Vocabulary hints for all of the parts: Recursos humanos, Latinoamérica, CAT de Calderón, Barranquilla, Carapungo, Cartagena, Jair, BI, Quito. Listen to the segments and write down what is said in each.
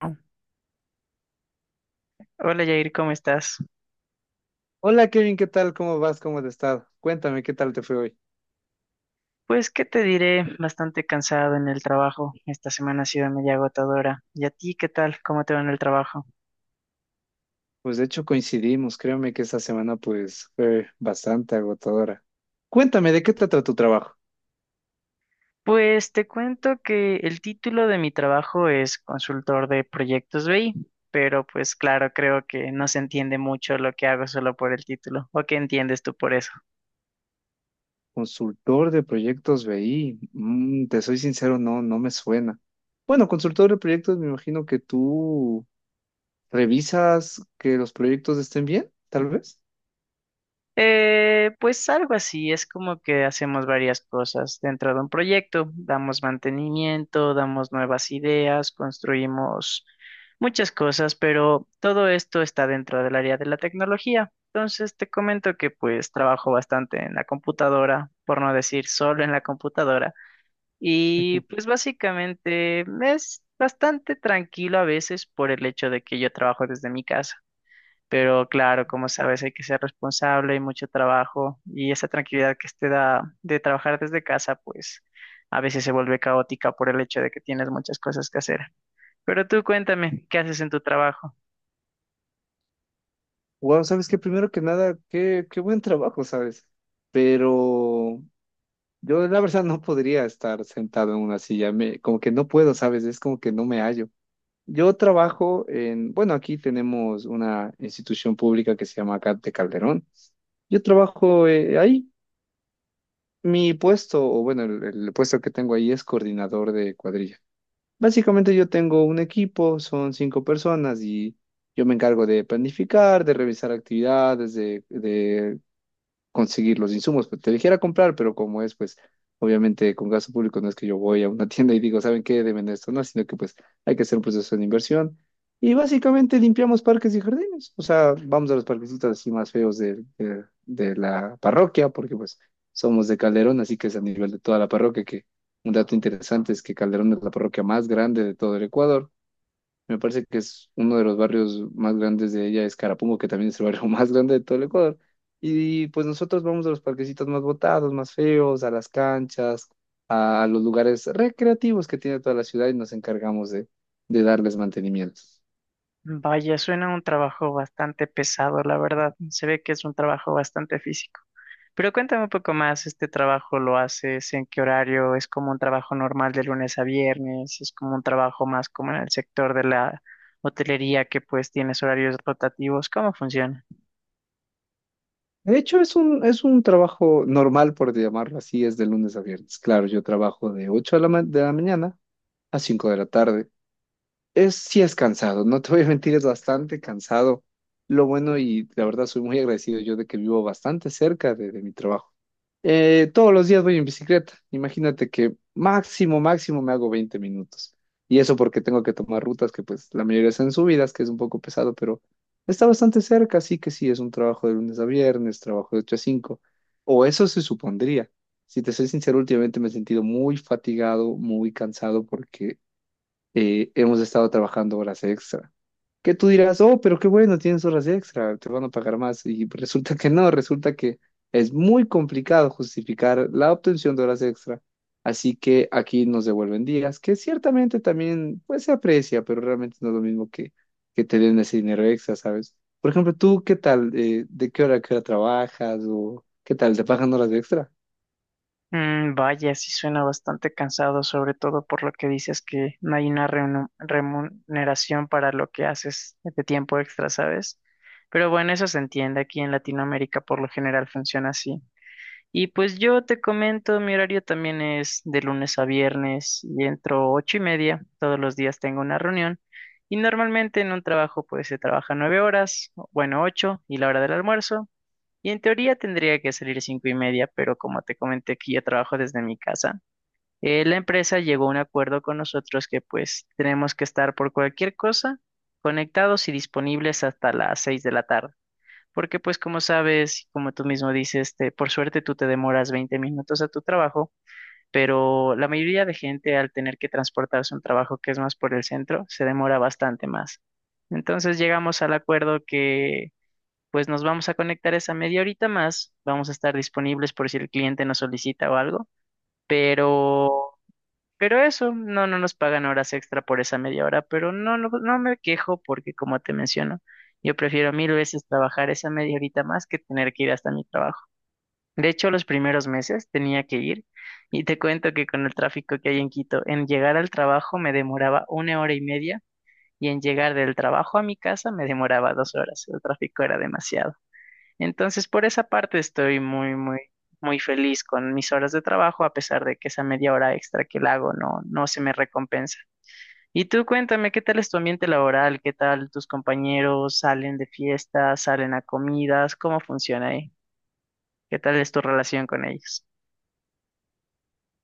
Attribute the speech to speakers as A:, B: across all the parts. A: Hola Jair, ¿cómo estás?
B: Hola Kevin, ¿qué tal? ¿Cómo vas? ¿Cómo has estado? Cuéntame, ¿qué tal te fue hoy?
A: Pues, ¿qué te diré? Bastante cansado en el trabajo. Esta semana ha sido media agotadora. ¿Y a ti qué tal? ¿Cómo te va en el trabajo?
B: Pues de hecho coincidimos, créeme que esta semana pues fue bastante agotadora. Cuéntame, ¿de qué trata tu trabajo?
A: Pues te cuento que el título de mi trabajo es consultor de proyectos BI, pero pues claro, creo que no se entiende mucho lo que hago solo por el título. ¿O qué entiendes tú por eso?
B: Consultor de proyectos BI. Mm, te soy sincero, no, no me suena. Bueno, consultor de proyectos, me imagino que tú revisas que los proyectos estén bien, tal vez.
A: Pues algo así, es como que hacemos varias cosas dentro de un proyecto, damos mantenimiento, damos nuevas ideas, construimos muchas cosas, pero todo esto está dentro del área de la tecnología. Entonces te comento que pues trabajo bastante en la computadora, por no decir solo en la computadora, y pues básicamente es bastante tranquilo a veces por el hecho de que yo trabajo desde mi casa. Pero claro, como sabes, hay que ser responsable y mucho trabajo. Y esa tranquilidad que te da de trabajar desde casa, pues a veces se vuelve caótica por el hecho de que tienes muchas cosas que hacer. Pero tú cuéntame, ¿qué haces en tu trabajo?
B: Wow, sabes que primero que nada, qué buen trabajo, ¿sabes? Pero yo la verdad no podría estar sentado en una silla, como que no puedo, ¿sabes? Es como que no me hallo. Yo trabajo en, bueno, aquí tenemos una institución pública que se llama CAT de Calderón. Yo trabajo ahí. Mi puesto, o bueno, el puesto que tengo ahí es coordinador de cuadrilla. Básicamente yo tengo un equipo, son cinco personas y yo me encargo de planificar, de revisar actividades, de conseguir los insumos, pues te dijera comprar, pero como es, pues obviamente con gasto público no es que yo voy a una tienda y digo, ¿saben qué? Deben esto, no, sino que pues hay que hacer un proceso de inversión y básicamente limpiamos parques y jardines, o sea, vamos a los parquecitos así más feos de la parroquia, porque pues somos de Calderón, así que es a nivel de toda la parroquia. Que un dato interesante es que Calderón es la parroquia más grande de todo el Ecuador. Me parece que es uno de los barrios más grandes de ella, es Carapungo, que también es el barrio más grande de todo el Ecuador. Y pues nosotros vamos a los parquecitos más botados, más feos, a las canchas, a los lugares recreativos que tiene toda la ciudad y nos encargamos de darles mantenimiento.
A: Vaya, suena un trabajo bastante pesado, la verdad. Se ve que es un trabajo bastante físico. Pero cuéntame un poco más, ¿este trabajo lo haces en qué horario? ¿Es como un trabajo normal de lunes a viernes? ¿Es como un trabajo más como en el sector de la hotelería que pues tienes horarios rotativos? ¿Cómo funciona?
B: De hecho, es un trabajo normal, por llamarlo así, es de lunes a viernes. Claro, yo trabajo de 8 de la, de la mañana a 5 de la tarde. Es, sí es cansado, no te voy a mentir, es bastante cansado. Lo bueno y la verdad soy muy agradecido yo de que vivo bastante cerca de mi trabajo. Todos los días voy en bicicleta. Imagínate que máximo, máximo me hago 20 minutos. Y eso porque tengo que tomar rutas que pues la mayoría son subidas, que es un poco pesado, pero está bastante cerca, así que sí, es un trabajo de lunes a viernes, trabajo de 8 a 5. O eso se supondría. Si te soy sincero, últimamente me he sentido muy fatigado, muy cansado porque hemos estado trabajando horas extra. Que tú dirás, oh, pero qué bueno, tienes horas extra, te van a pagar más. Y resulta que no, resulta que es muy complicado justificar la obtención de horas extra. Así que aquí nos devuelven días, que ciertamente también pues se aprecia, pero realmente no es lo mismo que te den ese dinero extra, ¿sabes? Por ejemplo, tú, ¿qué tal? ¿De qué hora a qué hora trabajas? ¿O qué tal? ¿Te pagan horas extra?
A: Vaya, sí suena bastante cansado, sobre todo por lo que dices que no hay una remuneración para lo que haces de tiempo extra, ¿sabes? Pero bueno, eso se entiende, aquí en Latinoamérica por lo general funciona así. Y pues yo te comento, mi horario también es de lunes a viernes y entro 8:30, todos los días tengo una reunión y normalmente en un trabajo pues se trabaja 9 horas, bueno, ocho y la hora del almuerzo. Y en teoría tendría que salir 5:30, pero como te comenté que yo trabajo desde mi casa, la empresa llegó a un acuerdo con nosotros que pues tenemos que estar por cualquier cosa conectados y disponibles hasta las 6 de la tarde. Porque pues como sabes, y como tú mismo dices, por suerte tú te demoras 20 minutos a tu trabajo, pero la mayoría de gente al tener que transportarse a un trabajo que es más por el centro, se demora bastante más. Entonces llegamos al acuerdo pues nos vamos a conectar esa media horita más, vamos a estar disponibles por si el cliente nos solicita o algo, pero, pero, eso, no, no nos pagan horas extra por esa media hora, pero no, no, no me quejo porque como te menciono, yo prefiero mil veces trabajar esa media horita más que tener que ir hasta mi trabajo. De hecho, los primeros meses tenía que ir y te cuento que con el tráfico que hay en Quito, en llegar al trabajo me demoraba 1 hora y media y en llegar del trabajo a mi casa me demoraba 2 horas. El tráfico era demasiado. Entonces, por esa parte estoy muy, muy, muy feliz con mis horas de trabajo, a pesar de que esa media hora extra que la hago no, no se me recompensa. Y tú cuéntame, ¿qué tal es tu ambiente laboral? ¿Qué tal tus compañeros salen de fiestas, salen a comidas? ¿Cómo funciona ahí? ¿Qué tal es tu relación con ellos?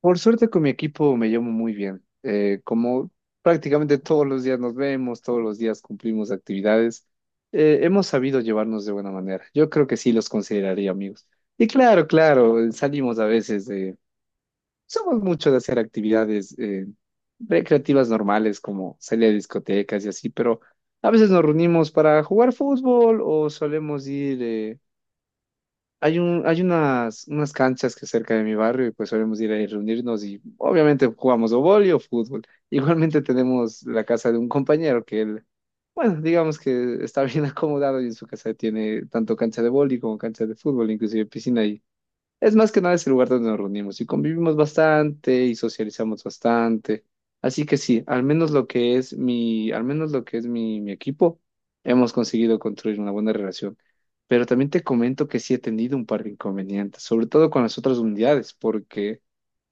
B: Por suerte con mi equipo me llevo muy bien. Como prácticamente todos los días nos vemos, todos los días cumplimos actividades, hemos sabido llevarnos de buena manera. Yo creo que sí los consideraría amigos. Y claro, claro, salimos a veces de... Somos mucho de hacer actividades recreativas normales como salir a discotecas y así, pero a veces nos reunimos para jugar fútbol o solemos ir... hay un, hay unas, unas canchas que cerca de mi barrio y pues solemos ir ahí reunirnos y obviamente jugamos o vóley o fútbol. Igualmente tenemos la casa de un compañero que él, bueno, digamos que está bien acomodado y en su casa tiene tanto cancha de vóley como cancha de fútbol, inclusive piscina. Es más que nada es el lugar donde nos reunimos y convivimos bastante y socializamos bastante. Así que sí, al menos lo que es mi, al menos lo que es mi, mi equipo, hemos conseguido construir una buena relación. Pero también te comento que sí he tenido un par de inconvenientes, sobre todo con las otras unidades, porque,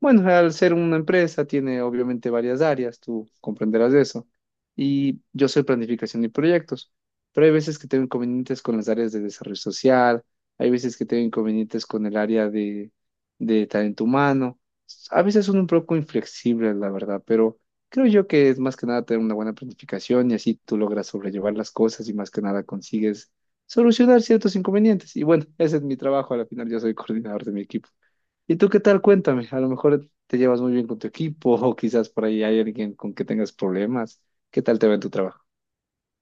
B: bueno, al ser una empresa tiene obviamente varias áreas, tú comprenderás de eso. Y yo soy planificación y proyectos, pero hay veces que tengo inconvenientes con las áreas de desarrollo social, hay veces que tengo inconvenientes con el área de talento humano. A veces son un poco inflexibles, la verdad, pero creo yo que es más que nada tener una buena planificación y así tú logras sobrellevar las cosas y más que nada consigues solucionar ciertos inconvenientes. Y bueno, ese es mi trabajo, al final yo soy coordinador de mi equipo. ¿Y tú qué tal? Cuéntame, a lo mejor te llevas muy bien con tu equipo o quizás por ahí hay alguien con que tengas problemas. ¿Qué tal te va en tu trabajo?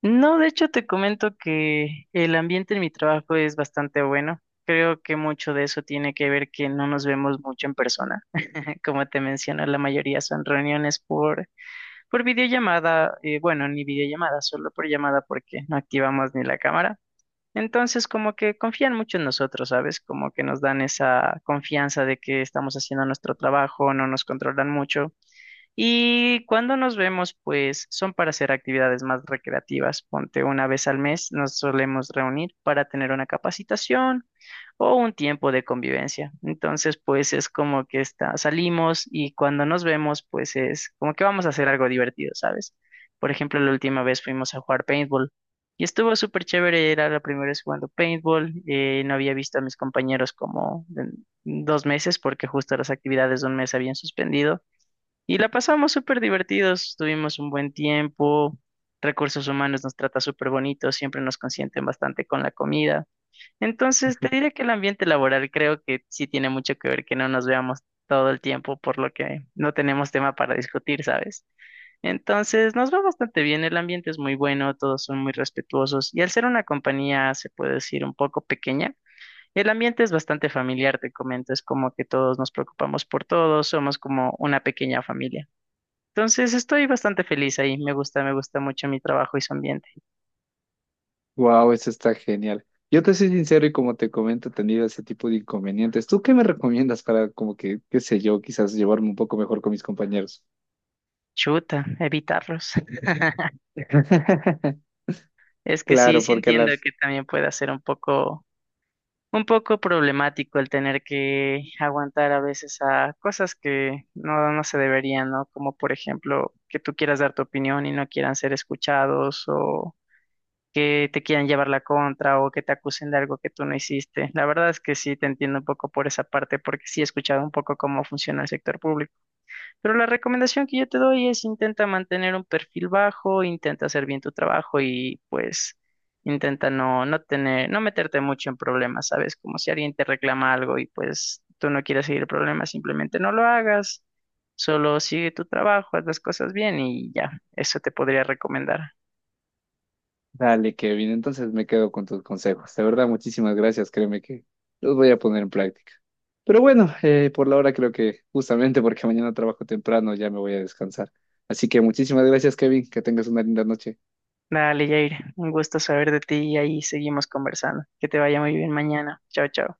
A: No, de hecho te comento que el ambiente en mi trabajo es bastante bueno. Creo que mucho de eso tiene que ver que no nos vemos mucho en persona. Como te menciono, la mayoría son reuniones por por videollamada, bueno, ni videollamada, solo por llamada porque no activamos ni la cámara. Entonces, como que confían mucho en nosotros, ¿sabes? Como que nos dan esa confianza de que estamos haciendo nuestro trabajo, no nos controlan mucho. Y cuando nos vemos, pues son para hacer actividades más recreativas. Ponte una vez al mes, nos solemos reunir para tener una capacitación o un tiempo de convivencia. Entonces, pues es como que está, salimos y cuando nos vemos, pues es como que vamos a hacer algo divertido, ¿sabes? Por ejemplo, la última vez fuimos a jugar paintball y estuvo súper chévere, era la primera vez jugando paintball, no había visto a mis compañeros como en 2 meses porque justo las actividades de un mes habían suspendido y la pasamos súper divertidos, tuvimos un buen tiempo. Recursos humanos nos trata súper bonito, siempre nos consienten bastante con la comida. Entonces, te diré que el ambiente laboral creo que sí tiene mucho que ver que no nos veamos todo el tiempo, por lo que no tenemos tema para discutir, ¿sabes? Entonces, nos va bastante bien, el ambiente es muy bueno, todos son muy respetuosos y al ser una compañía, se puede decir, un poco pequeña, el ambiente es bastante familiar, te comento, es como que todos nos preocupamos por todos, somos como una pequeña familia. Entonces, estoy bastante feliz ahí, me gusta mucho mi trabajo y su ambiente.
B: Wow, eso está genial. Yo te soy sincero y como te comento, he tenido ese tipo de inconvenientes. ¿Tú qué me recomiendas para como que, qué sé yo, quizás llevarme un poco mejor con mis compañeros?
A: Chuta, evitarlos. Es que sí,
B: Claro,
A: sí
B: porque a la...
A: entiendo que también puede ser un poco problemático el tener que aguantar a veces a cosas que no, no se deberían, ¿no? Como por ejemplo, que tú quieras dar tu opinión y no quieran ser escuchados o que te quieran llevar la contra o que te acusen de algo que tú no hiciste. La verdad es que sí te entiendo un poco por esa parte porque sí he escuchado un poco cómo funciona el sector público. Pero la recomendación que yo te doy es intenta mantener un perfil bajo, intenta hacer bien tu trabajo y pues intenta no, no tener, no meterte mucho en problemas, ¿sabes? Como si alguien te reclama algo y pues tú no quieres seguir el problema, simplemente no lo hagas, solo sigue tu trabajo, haz las cosas bien y ya, eso te podría recomendar.
B: Dale, Kevin, entonces me quedo con tus consejos. De verdad, muchísimas gracias. Créeme que los voy a poner en práctica. Pero bueno, por la hora creo que justamente porque mañana trabajo temprano ya me voy a descansar. Así que muchísimas gracias, Kevin. Que tengas una linda noche.
A: Dale, Jair, un gusto saber de ti y ahí seguimos conversando. Que te vaya muy bien mañana. Chao, chao.